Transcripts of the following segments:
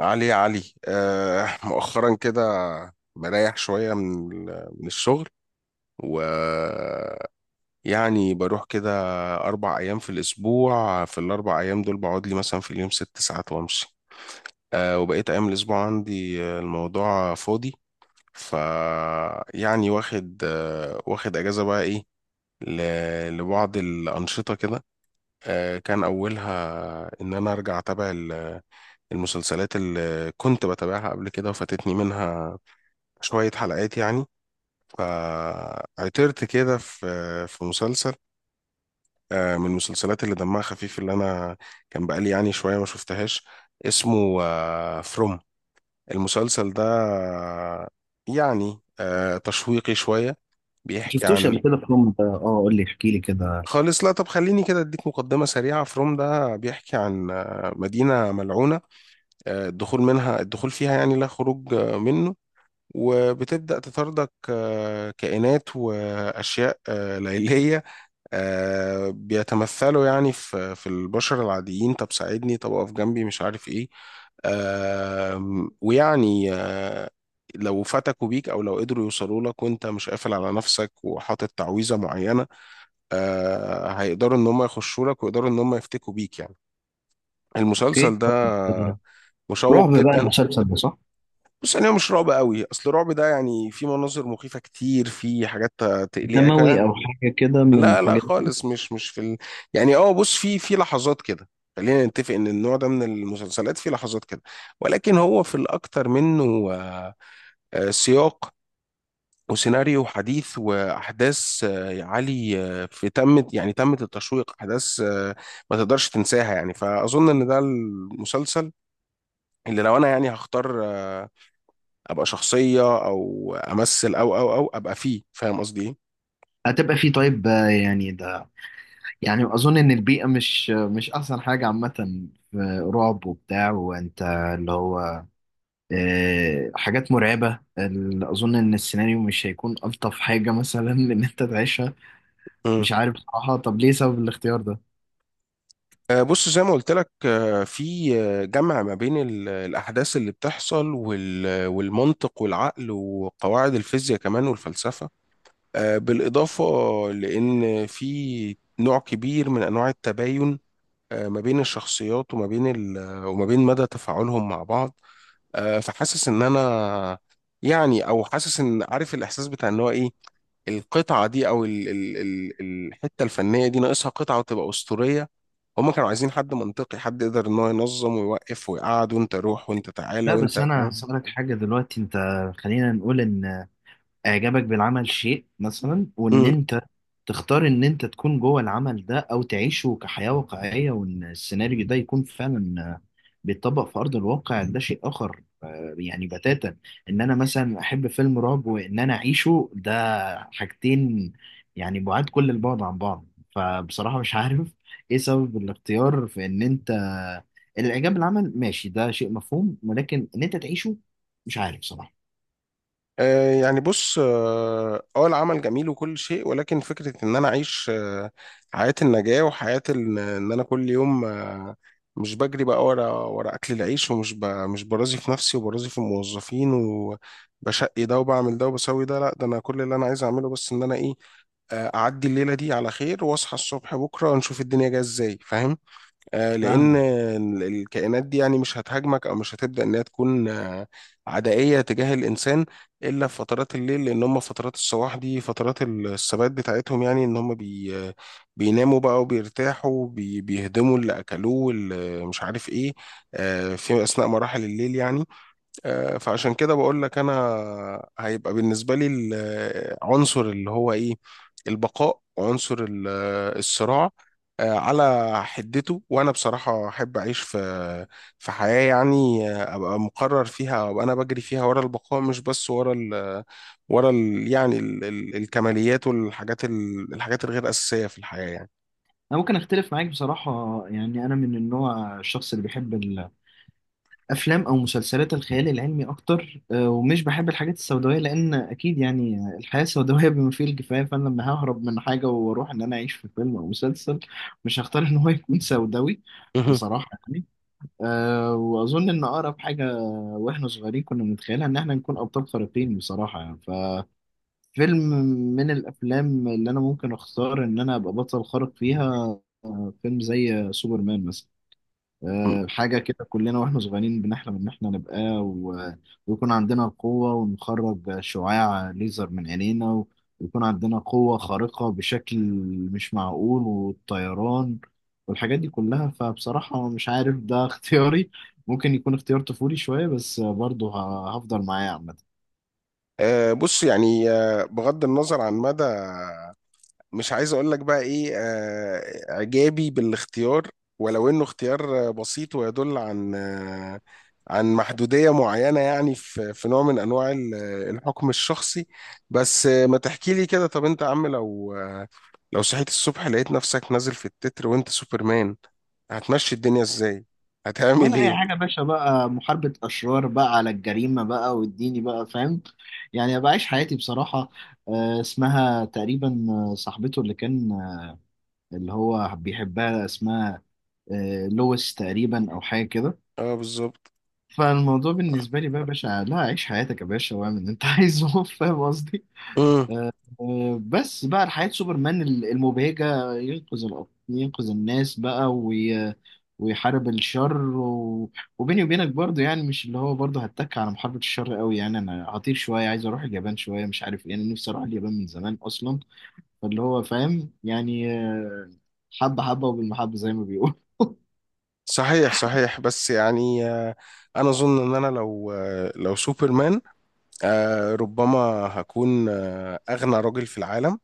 علي، علي، مؤخرا كده مريح شوية من من الشغل. و يعني بروح كده أربع أيام في الأسبوع. في الأربع أيام دول بقعد لي مثلا في اليوم ست ساعات وأمشي. وبقيت أيام الأسبوع عندي، الموضوع فاضي. ف يعني واخد أجازة بقى، إيه، لبعض الأنشطة كده. كان أولها إن أنا أرجع أتابع المسلسلات اللي كنت بتابعها قبل كده وفاتتني منها شوية حلقات يعني. فعثرت كده في مسلسل، من المسلسلات اللي دمها خفيف، اللي أنا كان بقالي يعني شوية ما شفتهاش. اسمه فروم. المسلسل ده يعني تشويقي شوية. بيحكي شفتوش عن قبل كده في فيلم قول لي، احكي لي كده. خالص. لا، طب خليني كده اديك مقدمة سريعة. فروم ده بيحكي عن مدينة ملعونة، الدخول منها الدخول فيها يعني لا خروج منه. وبتبدأ تطاردك كائنات وأشياء ليلية، بيتمثلوا يعني في البشر العاديين. طب ساعدني، طب اقف جنبي، مش عارف ايه. ويعني لو فتكوا بيك او لو قدروا يوصلوا لك وانت مش قافل على نفسك وحاطط تعويذه معينه، هيقدروا ان هم يخشوا لك ويقدروا ان هم يفتكوا بيك يعني. اوكي، المسلسل ده طيب، رعب مشوق بقى جدا. المسلسل ده صح؟ بص، يعني هو مش رعب قوي. اصل الرعب ده يعني في مناظر مخيفة كتير، في حاجات دموي تقلقك. او حاجه كده من لا لا الحاجات دي؟ خالص، مش في يعني، اه بص، في لحظات كده. خلينا نتفق ان النوع ده من المسلسلات في لحظات كده، ولكن هو في الاكتر منه سياق وسيناريو حديث واحداث عالي، في تمت يعني تمت التشويق، احداث ما تقدرش تنساها يعني. فاظن ان ده المسلسل اللي لو انا يعني هختار ابقى شخصيه او امثل او ابقى فيه، فاهم قصدي ايه. هتبقى فيه. طيب، يعني ده، يعني اظن ان البيئه مش احسن حاجه عامه في رعب وبتاع، وانت اللي هو حاجات مرعبه، اظن ان السيناريو مش هيكون الطف حاجه مثلا ان انت تعيشها. مم. مش عارف بصراحه. طب ليه سبب الاختيار ده؟ بص زي ما قلت لك، في جمع ما بين الأحداث اللي بتحصل والمنطق والعقل وقواعد الفيزياء كمان والفلسفة. بالإضافة لأن في نوع كبير من أنواع التباين ما بين الشخصيات وما بين وما بين مدى تفاعلهم مع بعض. فحاسس إن أنا يعني، أو حاسس إن، عارف الإحساس بتاع إن هو إيه، القطعة دي أو ال الحتة الفنية دي ناقصها قطعة وتبقى أسطورية. هما كانوا عايزين حد منطقي، حد يقدر إن هو ينظم ويوقف ويقعد، وأنت روح وأنت تعالى لا بس وأنت انا فاهم. هسألك حاجة دلوقتي. انت خلينا نقول ان اعجابك بالعمل شيء مثلا، وان انت تختار ان انت تكون جوه العمل ده او تعيشه كحياة واقعية، وان السيناريو ده يكون فعلا بيتطبق في ارض الواقع، ده شيء اخر يعني بتاتا. ان انا مثلا احب فيلم رعب، وان انا اعيشه، ده حاجتين يعني بعاد كل البعد عن بعض. فبصراحة مش عارف ايه سبب الاختيار في ان انت الاعجاب بالعمل ماشي، ده شيء مفهوم، ولكن ان انت تعيشه مش عارف صراحة. يعني بص اه، العمل جميل وكل شيء، ولكن فكرة ان انا اعيش حياة النجاة وحياة ان، إن انا كل يوم مش بجري بقى ورا ورا اكل العيش، ومش مش برازي في نفسي وبرازي في الموظفين وبشقي ده وبعمل ده وبسوي ده، لا ده انا كل اللي انا عايز اعمله بس ان انا ايه، اعدي الليلة دي على خير واصحى الصبح بكرة نشوف الدنيا جاية ازاي، فاهم. لأن فاهم؟ الكائنات دي يعني مش هتهاجمك أو مش هتبدأ إنها تكون عدائية تجاه الإنسان إلا في فترات الليل. لأن هم فترات الصباح دي فترات الثبات بتاعتهم، يعني إن هم بي آه، بيناموا بقى وبيرتاحوا بيهدموا اللي أكلوه واللي مش عارف إيه، في أثناء مراحل الليل يعني. فعشان كده بقول لك، انا هيبقى بالنسبه لي العنصر اللي هو ايه، البقاء، وعنصر الصراع على حدته. وانا بصراحه احب اعيش في حياه يعني ابقى مقرر فيها وابقى انا بجري فيها ورا البقاء، مش بس ورا ال آه، ورا ال يعني ال ال الكماليات والحاجات الحاجات الغير اساسيه في الحياه يعني. انا ممكن اختلف معاك بصراحه. يعني انا من النوع، الشخص اللي بيحب الافلام او مسلسلات الخيال العلمي اكتر، ومش بحب الحاجات السوداويه، لان اكيد يعني الحياه سوداويه بما فيه الكفايه. فانا لما ههرب من حاجه واروح ان انا اعيش في فيلم او مسلسل، مش هختار ان هو يكون سوداوي مهم. بصراحه يعني. أه، واظن ان اقرب حاجه واحنا صغيرين كنا بنتخيلها ان احنا نكون ابطال خارقين بصراحه يعني. فيلم من الافلام اللي انا ممكن اختار ان انا ابقى بطل خارق فيها، فيلم زي سوبرمان مثلا. حاجه كده كلنا واحنا صغيرين بنحلم ان احنا نبقى ويكون عندنا القوه، ونخرج شعاع ليزر من عينينا، ويكون عندنا قوه خارقه بشكل مش معقول، والطيران والحاجات دي كلها. فبصراحه مش عارف، ده اختياري. ممكن يكون اختيار طفولي شويه، بس برضه هفضل معاه عامه. بص يعني بغض النظر عن مدى، مش عايز اقول لك بقى ايه، اعجابي بالاختيار، ولو انه اختيار بسيط ويدل عن عن محدودية معينة يعني، في في نوع من انواع الحكم الشخصي. بس ما تحكي لي كده، طب انت يا عم لو لو صحيت الصبح لقيت نفسك نازل في التتر وانت سوبرمان، هتمشي الدنيا ازاي؟ هتعمل ولا اي ايه؟ حاجه يا باشا، بقى محاربه اشرار بقى على الجريمه بقى، واديني بقى فاهم، يعني ابقى عايش حياتي بصراحه. اسمها تقريبا، صاحبته اللي كان اللي هو بيحبها، اسمها لويس تقريبا او حاجه كده. اه بالظبط. فالموضوع بالنسبه لي بقى يا باشا، لا عيش حياتك يا باشا واعمل اللي انت عايزه فاهم قصدي. امم. بس بقى حياة سوبرمان المبهجة، ينقذ الأرض، ينقذ الناس بقى، ويحارب الشر وبيني وبينك برضه يعني، مش اللي هو برضه هتك على محاربة الشر قوي يعني. أنا هطير شوية، عايز أروح اليابان شوية، مش عارف إيه، أنا نفسي أروح اليابان من زمان أصلا. فاللي هو فاهم يعني، حبة حبة وبالمحبة زي ما بيقول. صحيح صحيح، بس يعني انا اظن ان انا لو لو سوبرمان ربما هكون أغنى راجل في العالم،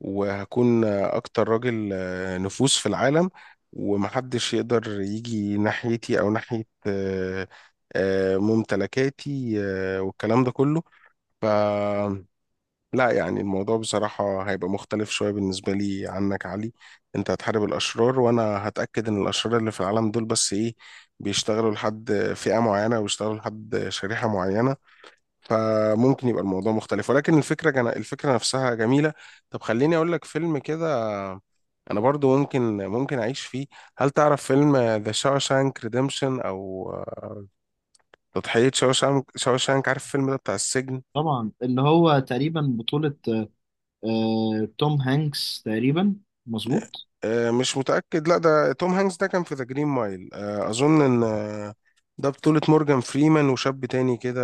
وهكون أكتر راجل نفوذ في العالم، ومحدش يقدر يجي ناحيتي أو ناحية ممتلكاتي والكلام ده كله. ف لا يعني الموضوع بصراحة هيبقى مختلف شوية بالنسبة لي عنك يا علي. انت هتحارب الأشرار، وأنا هتأكد إن الأشرار اللي في العالم دول بس إيه، بيشتغلوا لحد فئة معينة ويشتغلوا لحد شريحة معينة. فممكن يبقى الموضوع مختلف، ولكن الفكرة الفكرة نفسها جميلة. طب خليني أقول لك فيلم كده أنا برضو ممكن، أعيش فيه. هل تعرف فيلم ذا شاوشانك ريديمشن، أو تضحية شاوشانك، شاوشانك؟ عارف الفيلم ده بتاع السجن؟ طبعا، اللي هو تقريبا بطولة توم هانكس تقريبا. مظبوط. مش متأكد. لا ده توم هانكس ده كان في ذا جرين مايل، أظن إن ده بطولة مورجان فريمان وشاب تاني كده،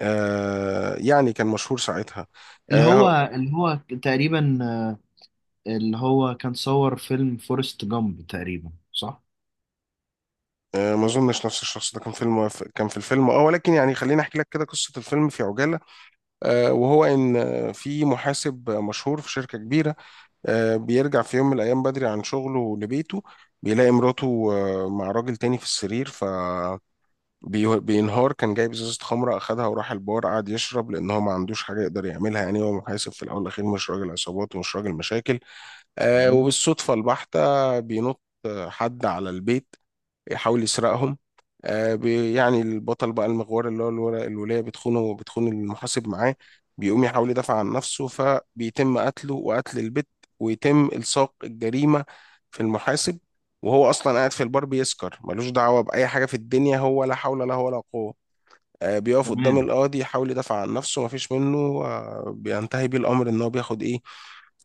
يعني كان مشهور ساعتها. اللي هو آه، اللي هو تقريبا، اللي هو كان صور فيلم فورست جامب تقريبا صح؟ ما اظنش نفس الشخص. ده كان فيلم، كان في الفيلم اه، ولكن يعني خليني احكي لك كده قصه الفيلم في عجاله. وهو ان في محاسب مشهور في شركه كبيره، بيرجع في يوم من الايام بدري عن شغله لبيته، بيلاقي مراته مع راجل تاني في السرير. بينهار. كان جايب ازازه خمره، اخدها وراح البار قعد يشرب، لان هو ما عندوش حاجه يقدر يعملها، يعني هو محاسب في الاول والاخير، مش راجل عصابات ومش راجل مشاكل. تمام. وبالصدفه البحته بينط حد على البيت يحاول يسرقهم. يعني البطل بقى المغوار اللي هو الولاية بتخونه وبتخون المحاسب معاه. بيقوم يحاول يدافع عن نفسه، فبيتم قتله وقتل البت، ويتم إلصاق الجريمة في المحاسب. وهو أصلا قاعد في البار بيسكر، ملوش دعوة بأي حاجة في الدنيا، هو لا حول له ولا قوة. بيقف قدام تمام. القاضي يحاول يدافع عن نفسه، مفيش منه. بينتهي بيه الأمر إن هو بياخد إيه،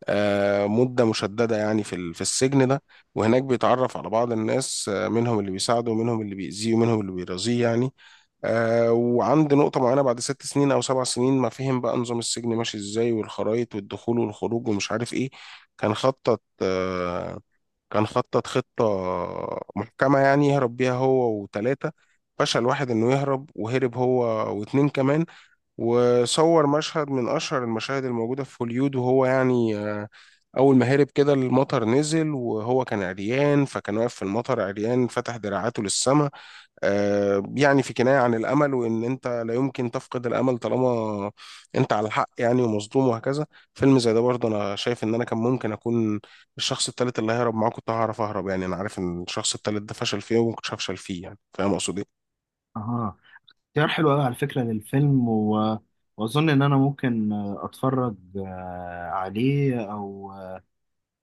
مدة مشددة يعني في في السجن ده. وهناك بيتعرف على بعض الناس، منهم اللي بيساعده ومنهم اللي بيأذيه ومنهم اللي بيرازيه يعني. وعند نقطة معينة بعد ست سنين أو سبع سنين، ما فهم بقى نظام السجن ماشي إزاي والخرايط والدخول والخروج ومش عارف إيه، كان خطط خطة محكمة يعني يهرب بيها هو وتلاتة. فشل واحد انه يهرب، وهرب هو واتنين كمان. وصور مشهد من اشهر المشاهد الموجودة في هوليود، وهو يعني اول ما هرب كده المطر نزل، وهو كان عريان، فكان واقف في المطر عريان فتح دراعاته للسماء، يعني في كناية عن الأمل، وإن أنت لا يمكن تفقد الأمل طالما أنت على الحق يعني، ومظلوم، وهكذا. فيلم زي ده برضه أنا شايف إن أنا كان ممكن أكون الشخص التالت اللي هيهرب معاه. كنت هعرف أهرب يعني، أنا عارف إن الشخص التالت ده فشل فيه وما كنتش هفشل فيه يعني، فاهم أقصد إيه. اها. اختيار حلو قوي على فكرة للفيلم، واظن ان انا ممكن اتفرج عليه. او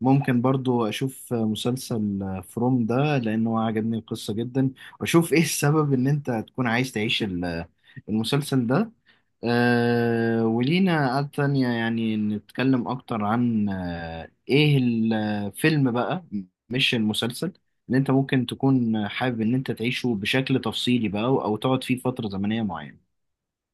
ممكن برضو اشوف مسلسل فروم ده، لانه عجبني القصة جدا. واشوف ايه السبب ان انت تكون عايز تعيش المسلسل ده. أه، ولينا قعدة تانية يعني نتكلم اكتر عن ايه الفيلم بقى، مش المسلسل، ان انت ممكن تكون حابب ان انت تعيشه بشكل تفصيلي بقى، او أو تقعد فيه فترة زمنية معينة.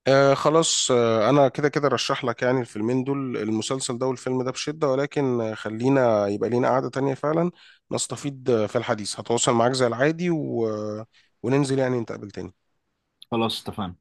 آه خلاص، آه أنا كده كده رشح لك يعني الفيلمين دول، المسلسل ده والفيلم ده بشدة، ولكن خلينا يبقى لينا قعدة تانية فعلا نستفيد في الحديث. هتواصل معاك زي العادي، و... وننزل يعني نتقابل تاني. خلاص، اتفقنا.